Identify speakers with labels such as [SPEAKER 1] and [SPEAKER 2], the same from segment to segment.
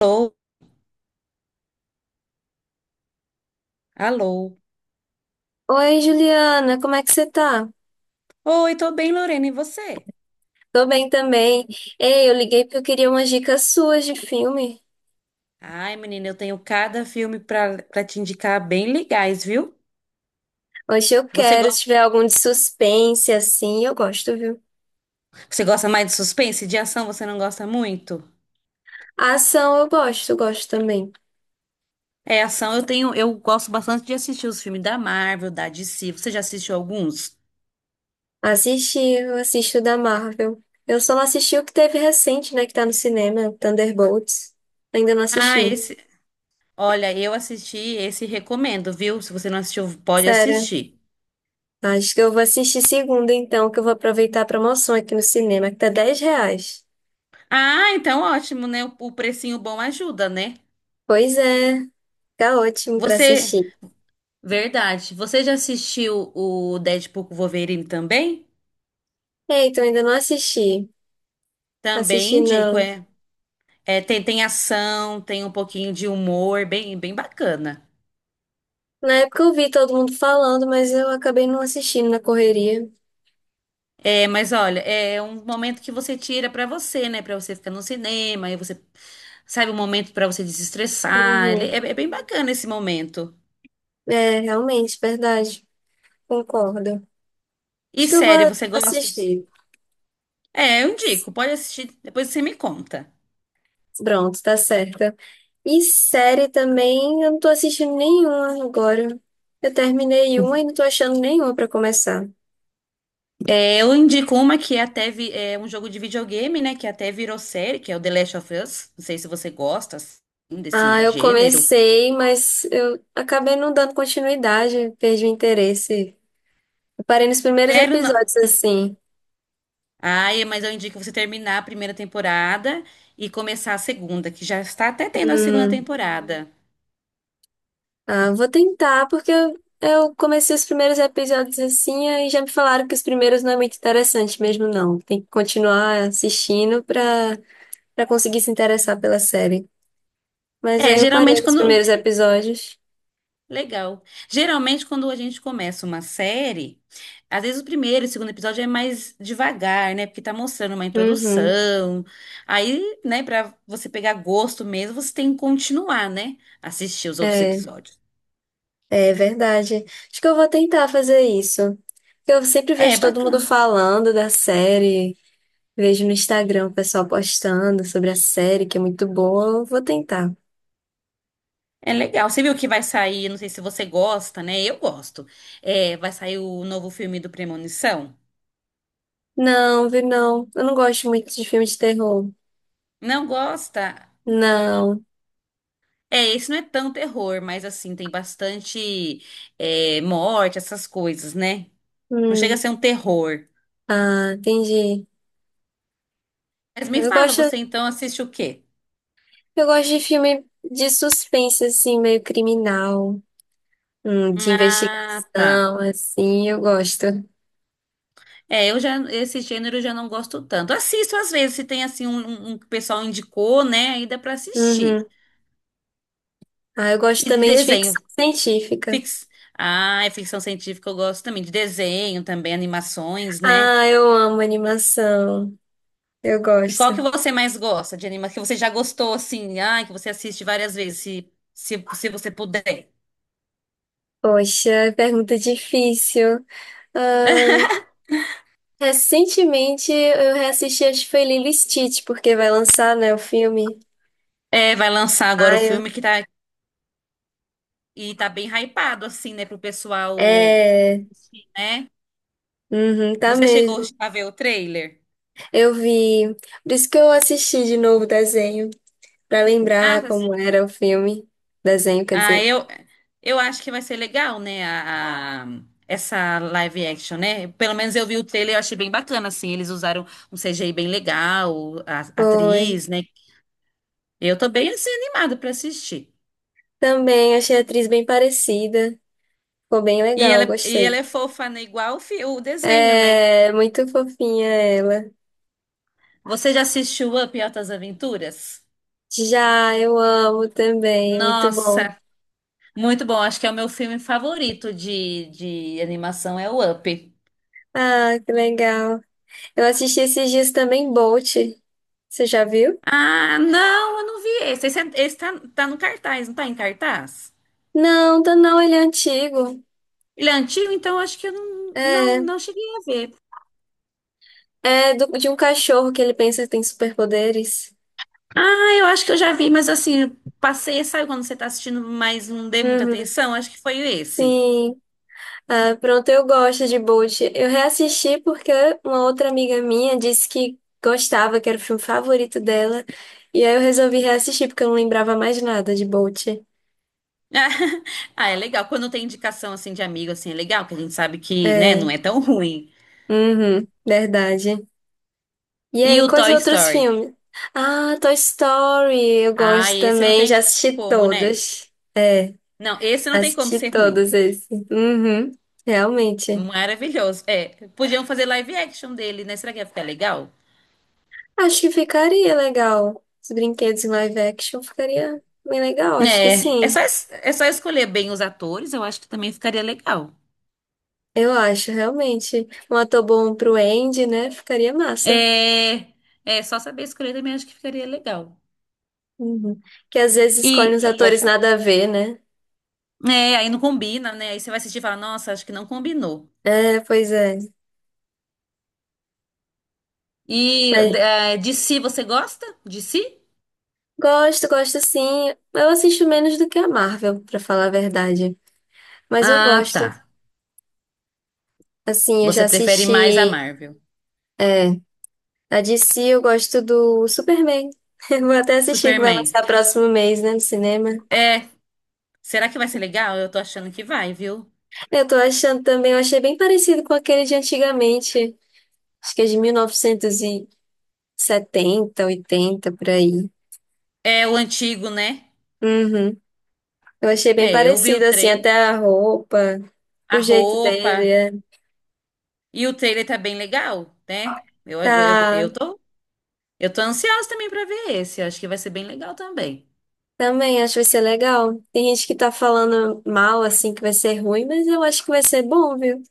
[SPEAKER 1] Alô, alô.
[SPEAKER 2] Oi, Juliana, como é que você tá?
[SPEAKER 1] Oi, tô bem, Lorena, e você?
[SPEAKER 2] Tô bem também. Ei, eu liguei porque eu queria umas dicas suas de filme.
[SPEAKER 1] Ai, menina, eu tenho cada filme pra te indicar bem legais, viu?
[SPEAKER 2] Hoje eu
[SPEAKER 1] Você
[SPEAKER 2] quero, se
[SPEAKER 1] gosta,
[SPEAKER 2] tiver algum de suspense assim, eu gosto, viu?
[SPEAKER 1] você gosta mais de suspense? De ação você não gosta muito?
[SPEAKER 2] Ação eu gosto também.
[SPEAKER 1] É, ação eu tenho, eu gosto bastante de assistir os filmes da Marvel, da DC. Você já assistiu alguns?
[SPEAKER 2] Assisti, eu assisto da Marvel. Eu só não assisti o que teve recente, né, que tá no cinema, Thunderbolts. Ainda não
[SPEAKER 1] Ah,
[SPEAKER 2] assisti.
[SPEAKER 1] esse, olha, eu assisti, esse recomendo, viu? Se você não assistiu, pode
[SPEAKER 2] Sério.
[SPEAKER 1] assistir.
[SPEAKER 2] Acho que eu vou assistir segunda então, que eu vou aproveitar a promoção aqui no cinema, que tá R$ 10.
[SPEAKER 1] Ah, então ótimo, né? O precinho bom ajuda, né?
[SPEAKER 2] Pois é, tá ótimo pra
[SPEAKER 1] Você
[SPEAKER 2] assistir.
[SPEAKER 1] Verdade. Você já assistiu o Deadpool com Wolverine também?
[SPEAKER 2] Eita, eu ainda não assisti.
[SPEAKER 1] Também
[SPEAKER 2] Assisti
[SPEAKER 1] indico,
[SPEAKER 2] não.
[SPEAKER 1] é. É, tem ação, tem um pouquinho de humor, bem bacana.
[SPEAKER 2] Na época eu vi todo mundo falando, mas eu acabei não assistindo na correria.
[SPEAKER 1] É, mas olha, é um momento que você tira pra você, né? Pra você ficar no cinema, aí você sabe um momento pra você desestressar.
[SPEAKER 2] Uhum.
[SPEAKER 1] É, é bem bacana esse momento.
[SPEAKER 2] É, realmente, verdade. Concordo. Acho
[SPEAKER 1] E
[SPEAKER 2] que eu vou
[SPEAKER 1] série, você gosta?
[SPEAKER 2] assistir.
[SPEAKER 1] É, eu indico. Pode assistir, depois você me conta.
[SPEAKER 2] Pronto, tá certa. E série também, eu não tô assistindo nenhuma agora. Eu terminei uma e não tô achando nenhuma pra começar.
[SPEAKER 1] É, eu indico uma que é até é um jogo de videogame, né? Que até virou série, que é o The Last of Us. Não sei se você gosta assim,
[SPEAKER 2] Ah,
[SPEAKER 1] desse
[SPEAKER 2] eu
[SPEAKER 1] gênero.
[SPEAKER 2] comecei, mas eu acabei não dando continuidade, perdi o interesse. Eu parei nos primeiros
[SPEAKER 1] Sério, não.
[SPEAKER 2] episódios, assim.
[SPEAKER 1] Ai, mas eu indico você terminar a primeira temporada e começar a segunda, que já está até tendo a segunda
[SPEAKER 2] Hum.
[SPEAKER 1] temporada.
[SPEAKER 2] Ah, vou tentar, porque eu comecei os primeiros episódios assim, aí já me falaram que os primeiros não é muito interessante mesmo, não. Tem que continuar assistindo pra, pra conseguir se interessar pela série. Mas
[SPEAKER 1] É,
[SPEAKER 2] aí eu parei
[SPEAKER 1] geralmente
[SPEAKER 2] nos
[SPEAKER 1] quando.
[SPEAKER 2] primeiros episódios.
[SPEAKER 1] Legal. Geralmente, quando a gente começa uma série, às vezes o primeiro e o segundo episódio é mais devagar, né? Porque tá mostrando uma
[SPEAKER 2] Uhum.
[SPEAKER 1] introdução. Aí, né, pra você pegar gosto mesmo, você tem que continuar, né? Assistir os outros
[SPEAKER 2] É,
[SPEAKER 1] episódios.
[SPEAKER 2] é verdade. Acho que eu vou tentar fazer isso. Eu sempre
[SPEAKER 1] É
[SPEAKER 2] vejo todo mundo
[SPEAKER 1] bacana.
[SPEAKER 2] falando da série, vejo no Instagram o pessoal postando sobre a série, que é muito boa. Eu vou tentar.
[SPEAKER 1] É legal. Você viu que vai sair, não sei se você gosta, né? Eu gosto. É, vai sair o novo filme do Premonição?
[SPEAKER 2] Não, vi não. Eu não gosto muito de filme de terror.
[SPEAKER 1] Não gosta?
[SPEAKER 2] Não.
[SPEAKER 1] É, esse não é tão terror, mas assim, tem bastante, é, morte, essas coisas, né? Não chega a
[SPEAKER 2] Hum.
[SPEAKER 1] ser um terror.
[SPEAKER 2] Ah, entendi.
[SPEAKER 1] Mas me
[SPEAKER 2] Eu
[SPEAKER 1] fala,
[SPEAKER 2] gosto,
[SPEAKER 1] você então assiste o quê?
[SPEAKER 2] eu gosto de filme de suspense, assim, meio criminal, de
[SPEAKER 1] Ah,
[SPEAKER 2] investigação,
[SPEAKER 1] tá.
[SPEAKER 2] assim, eu gosto.
[SPEAKER 1] É, eu já, esse gênero eu já não gosto tanto. Assisto às vezes, se tem assim um que o pessoal indicou, né? Aí dá pra
[SPEAKER 2] Uhum.
[SPEAKER 1] assistir.
[SPEAKER 2] Ah, eu gosto
[SPEAKER 1] E de
[SPEAKER 2] também de
[SPEAKER 1] desenho,
[SPEAKER 2] ficção científica.
[SPEAKER 1] fix... ah, é ficção científica eu gosto também. De desenho também, animações, né?
[SPEAKER 2] Ah, eu amo animação. Eu
[SPEAKER 1] E
[SPEAKER 2] gosto.
[SPEAKER 1] qual que você mais gosta de anima que você já gostou, assim, ah, que você assiste várias vezes, se você puder.
[SPEAKER 2] Poxa, pergunta difícil. Ah, recentemente eu reassisti, acho que foi Lilo e Stitch, porque vai lançar, né, o filme.
[SPEAKER 1] É, vai lançar agora
[SPEAKER 2] Ah,
[SPEAKER 1] o
[SPEAKER 2] eu-
[SPEAKER 1] filme que tá, e tá bem hypado, assim, né? Pro pessoal,
[SPEAKER 2] É.
[SPEAKER 1] né?
[SPEAKER 2] Uhum, tá
[SPEAKER 1] Você chegou
[SPEAKER 2] mesmo.
[SPEAKER 1] a ver o trailer?
[SPEAKER 2] Eu vi. Por isso que eu assisti de novo o desenho, pra
[SPEAKER 1] Ah,
[SPEAKER 2] lembrar
[SPEAKER 1] tá-
[SPEAKER 2] como era o filme. Desenho, quer
[SPEAKER 1] ah,
[SPEAKER 2] dizer.
[SPEAKER 1] eu, eu acho que vai ser legal, né? Essa live action, né? Pelo menos eu vi o trailer e eu achei bem bacana, assim. Eles usaram um CGI bem legal, a
[SPEAKER 2] Foi.
[SPEAKER 1] atriz, né? Eu tô bem, assim, animada pra assistir.
[SPEAKER 2] Também achei a atriz bem parecida. Ficou bem legal,
[SPEAKER 1] E ela
[SPEAKER 2] gostei.
[SPEAKER 1] é fofa, né? Igual o, o desenho, né?
[SPEAKER 2] É, muito fofinha ela.
[SPEAKER 1] Você já assistiu Up e Altas Aventuras?
[SPEAKER 2] Já, eu amo também, muito bom.
[SPEAKER 1] Nossa, muito bom. Acho que é o meu filme favorito de animação, é o Up.
[SPEAKER 2] Ah, que legal. Eu assisti esses dias também Bolt. Você já viu?
[SPEAKER 1] Ah, não, eu não vi esse. Esse tá, tá no cartaz, não tá em cartaz?
[SPEAKER 2] Não, tá não, ele é antigo.
[SPEAKER 1] Ele é antigo, então eu acho que eu
[SPEAKER 2] É,
[SPEAKER 1] não cheguei a ver.
[SPEAKER 2] de um cachorro que ele pensa que tem superpoderes.
[SPEAKER 1] Ah, eu acho que eu já vi, mas assim, eu passei, sabe quando você tá assistindo, mas não dei muita
[SPEAKER 2] Uhum.
[SPEAKER 1] atenção? Acho que foi esse.
[SPEAKER 2] Sim. Ah, pronto, eu gosto de Bolt. Eu reassisti porque uma outra amiga minha disse que gostava, que era o filme favorito dela. E aí eu resolvi reassistir porque eu não lembrava mais nada de Bolt.
[SPEAKER 1] Ah, é legal. Quando tem indicação assim de amigo, assim, é legal, que a gente sabe que, né, não
[SPEAKER 2] É,
[SPEAKER 1] é tão ruim.
[SPEAKER 2] uhum, verdade. E
[SPEAKER 1] E
[SPEAKER 2] aí,
[SPEAKER 1] o
[SPEAKER 2] quais
[SPEAKER 1] Toy
[SPEAKER 2] outros
[SPEAKER 1] Story?
[SPEAKER 2] filmes? Ah, Toy Story, eu
[SPEAKER 1] Ah,
[SPEAKER 2] gosto
[SPEAKER 1] esse não
[SPEAKER 2] também, já
[SPEAKER 1] tem
[SPEAKER 2] assisti
[SPEAKER 1] como, né?
[SPEAKER 2] todos. É,
[SPEAKER 1] Não, esse não tem como
[SPEAKER 2] assisti
[SPEAKER 1] ser ruim.
[SPEAKER 2] todos esses. Uhum, realmente.
[SPEAKER 1] Maravilhoso. É, podiam fazer live action dele, né? Será que ia ficar legal?
[SPEAKER 2] Acho que ficaria legal. Os brinquedos em live action ficaria bem legal, acho que
[SPEAKER 1] É,
[SPEAKER 2] sim.
[SPEAKER 1] é só escolher bem os atores, eu acho que também ficaria legal.
[SPEAKER 2] Eu acho, realmente. Um ator bom pro Andy, né? Ficaria massa.
[SPEAKER 1] É, é só saber escolher também acho que ficaria legal.
[SPEAKER 2] Uhum. Que às vezes
[SPEAKER 1] E
[SPEAKER 2] escolhe uns
[SPEAKER 1] pode
[SPEAKER 2] atores
[SPEAKER 1] falar.
[SPEAKER 2] nada a ver, né?
[SPEAKER 1] É, aí não combina, né? Aí você vai assistir e falar, nossa, acho que não combinou.
[SPEAKER 2] É, pois é.
[SPEAKER 1] E
[SPEAKER 2] Mas
[SPEAKER 1] é, de si você gosta? De si?
[SPEAKER 2] gosto, gosto sim. Eu assisto menos do que a Marvel, pra falar a verdade. Mas eu
[SPEAKER 1] Ah, tá.
[SPEAKER 2] gosto. Assim, eu já
[SPEAKER 1] Você prefere mais a
[SPEAKER 2] assisti.
[SPEAKER 1] Marvel.
[SPEAKER 2] É, a DC eu gosto do Superman. Eu vou até assistir que vai
[SPEAKER 1] Superman.
[SPEAKER 2] lançar próximo mês, né, no cinema.
[SPEAKER 1] É, será que vai ser legal? Eu tô achando que vai, viu?
[SPEAKER 2] Eu tô achando também, eu achei bem parecido com aquele de antigamente. Acho que é de 1970, 80 por aí.
[SPEAKER 1] É o antigo, né?
[SPEAKER 2] Uhum. Eu achei bem
[SPEAKER 1] É, eu vi o
[SPEAKER 2] parecido, assim,
[SPEAKER 1] trailer,
[SPEAKER 2] até a roupa,
[SPEAKER 1] a
[SPEAKER 2] o jeito dele.
[SPEAKER 1] roupa.
[SPEAKER 2] É.
[SPEAKER 1] E o trailer tá bem legal, né?
[SPEAKER 2] Tá,
[SPEAKER 1] Eu tô ansiosa também pra ver esse. Eu acho que vai ser bem legal também.
[SPEAKER 2] também acho que vai ser legal. Tem gente que tá falando mal, assim, que vai ser ruim, mas eu acho que vai ser bom, viu?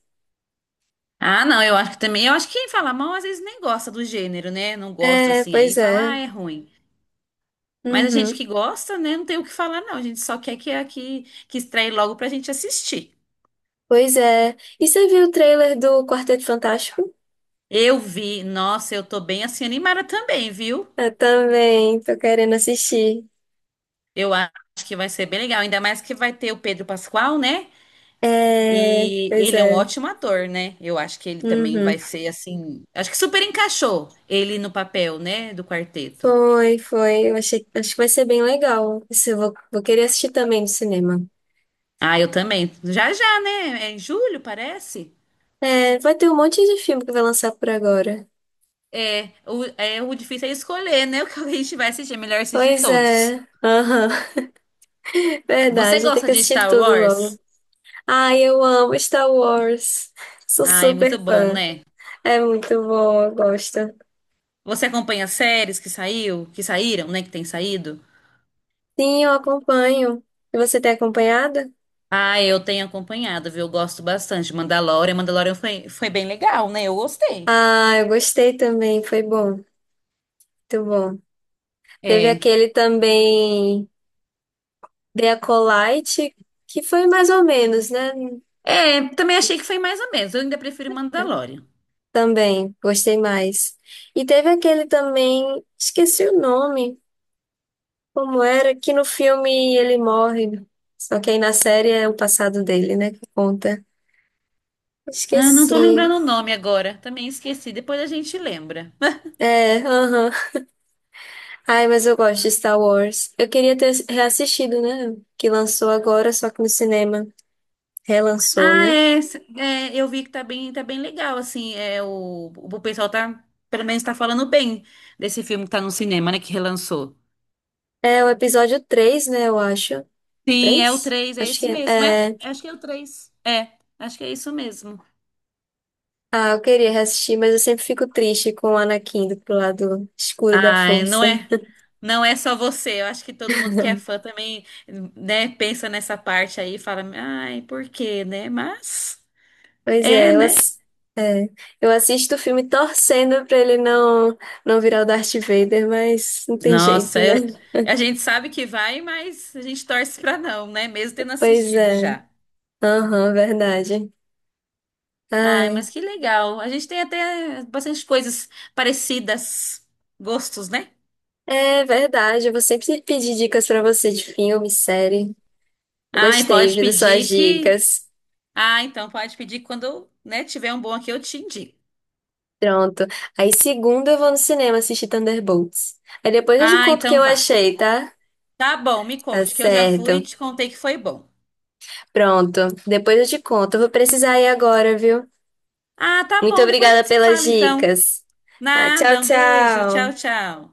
[SPEAKER 1] Ah, não, eu acho que também. Eu acho que quem fala mal às vezes nem gosta do gênero, né? Não gosta
[SPEAKER 2] É,
[SPEAKER 1] assim, aí
[SPEAKER 2] pois
[SPEAKER 1] fala, ah,
[SPEAKER 2] é.
[SPEAKER 1] é ruim. Mas a gente
[SPEAKER 2] Uhum.
[SPEAKER 1] que gosta, né? Não tem o que falar, não. A gente só quer que estreie logo pra gente assistir.
[SPEAKER 2] Pois é. E você viu o trailer do Quarteto Fantástico?
[SPEAKER 1] Eu vi, nossa, eu tô bem assim animada também, viu?
[SPEAKER 2] Eu também, tô querendo assistir.
[SPEAKER 1] Eu acho que vai ser bem legal. Ainda mais que vai ter o Pedro Pascal, né?
[SPEAKER 2] É,
[SPEAKER 1] E
[SPEAKER 2] pois
[SPEAKER 1] ele é um
[SPEAKER 2] é.
[SPEAKER 1] ótimo ator, né? Eu acho que ele também
[SPEAKER 2] Uhum.
[SPEAKER 1] vai ser assim. Acho que super encaixou ele no papel, né? Do quarteto.
[SPEAKER 2] Foi, foi. Eu achei, acho que vai ser bem legal. Isso. Eu vou querer assistir também no cinema.
[SPEAKER 1] Ah, eu também. Já já, né? É em julho, parece.
[SPEAKER 2] É, vai ter um monte de filme que vai lançar por agora.
[SPEAKER 1] É, o difícil é escolher, né? O que a gente vai assistir. É melhor assistir
[SPEAKER 2] Pois
[SPEAKER 1] todos.
[SPEAKER 2] é. Aham.
[SPEAKER 1] Você
[SPEAKER 2] Verdade, tem
[SPEAKER 1] gosta
[SPEAKER 2] que
[SPEAKER 1] de
[SPEAKER 2] assistir
[SPEAKER 1] Star
[SPEAKER 2] tudo logo.
[SPEAKER 1] Wars?
[SPEAKER 2] Ai, eu amo Star Wars. Sou
[SPEAKER 1] Ah, é muito
[SPEAKER 2] super
[SPEAKER 1] bom,
[SPEAKER 2] fã.
[SPEAKER 1] né?
[SPEAKER 2] É muito bom, eu gosto.
[SPEAKER 1] Você acompanha as séries que saíram, né? Que tem saído?
[SPEAKER 2] Sim, eu acompanho. E você tem acompanhado?
[SPEAKER 1] Ah, eu tenho acompanhado, viu? Eu gosto bastante. Mandalorian foi, foi bem legal, né? Eu gostei.
[SPEAKER 2] Ah, eu gostei também, foi bom. Muito bom. Teve
[SPEAKER 1] É.
[SPEAKER 2] aquele também, The Acolyte, que foi mais ou menos, né?
[SPEAKER 1] É, também achei que foi mais ou menos. Eu ainda prefiro Mandalorian.
[SPEAKER 2] Também, gostei mais. E teve aquele também, esqueci o nome, como era, que no filme ele morre. Só que aí na série é o passado dele, né, que conta.
[SPEAKER 1] Ah, não tô
[SPEAKER 2] Esqueci.
[SPEAKER 1] lembrando o nome agora. Também esqueci. Depois a gente lembra.
[SPEAKER 2] É, aham. Ai, mas eu gosto de Star Wars. Eu queria ter reassistido, né? Que lançou agora, só que no cinema. Relançou, né?
[SPEAKER 1] Eu vi que tá tá bem legal, assim, é, o pessoal tá, pelo menos tá falando bem desse filme que tá no cinema, né, que relançou.
[SPEAKER 2] É o episódio 3 né, eu acho.
[SPEAKER 1] Sim, é o
[SPEAKER 2] Três
[SPEAKER 1] três, é
[SPEAKER 2] Acho que
[SPEAKER 1] esse mesmo, é?
[SPEAKER 2] é. É.
[SPEAKER 1] Acho que é o três, é, acho que é isso mesmo.
[SPEAKER 2] Ah, eu queria reassistir, mas eu sempre fico triste com o Anakin do pro lado escuro da
[SPEAKER 1] Ai,
[SPEAKER 2] força.
[SPEAKER 1] não é só você, eu acho que todo mundo que é fã também, né, pensa nessa parte aí e fala, ai, por quê, né, mas...
[SPEAKER 2] Pois
[SPEAKER 1] É,
[SPEAKER 2] é,
[SPEAKER 1] né?
[SPEAKER 2] é, eu assisto o filme torcendo pra ele não, não virar o Darth Vader, mas não tem
[SPEAKER 1] Nossa,
[SPEAKER 2] jeito, né?
[SPEAKER 1] eu- a gente sabe que vai, mas a gente torce pra não, né? Mesmo tendo
[SPEAKER 2] Pois
[SPEAKER 1] assistido
[SPEAKER 2] é.
[SPEAKER 1] já.
[SPEAKER 2] Aham, verdade.
[SPEAKER 1] Ai,
[SPEAKER 2] Ai,
[SPEAKER 1] mas que legal. A gente tem até bastante coisas parecidas, gostos, né?
[SPEAKER 2] é verdade. Eu vou sempre pedir dicas pra você de filme, série.
[SPEAKER 1] Ai,
[SPEAKER 2] Gostei,
[SPEAKER 1] pode
[SPEAKER 2] viu, das suas
[SPEAKER 1] pedir que.
[SPEAKER 2] dicas.
[SPEAKER 1] Ah, então pode pedir que quando, né, tiver um bom aqui, eu te indico.
[SPEAKER 2] Pronto. Aí, segunda, eu vou no cinema assistir Thunderbolts. Aí depois eu te
[SPEAKER 1] Ah,
[SPEAKER 2] conto o que
[SPEAKER 1] então
[SPEAKER 2] eu
[SPEAKER 1] vá.
[SPEAKER 2] achei, tá?
[SPEAKER 1] Tá bom, me
[SPEAKER 2] Tá
[SPEAKER 1] conte, que eu já fui e
[SPEAKER 2] certo.
[SPEAKER 1] te contei que foi bom.
[SPEAKER 2] Pronto. Depois eu te conto. Eu vou precisar ir agora, viu?
[SPEAKER 1] Ah, tá
[SPEAKER 2] Muito
[SPEAKER 1] bom, depois a
[SPEAKER 2] obrigada
[SPEAKER 1] gente se
[SPEAKER 2] pelas
[SPEAKER 1] fala então.
[SPEAKER 2] dicas. Tá, tchau,
[SPEAKER 1] Nada, um beijo, tchau,
[SPEAKER 2] tchau.
[SPEAKER 1] tchau.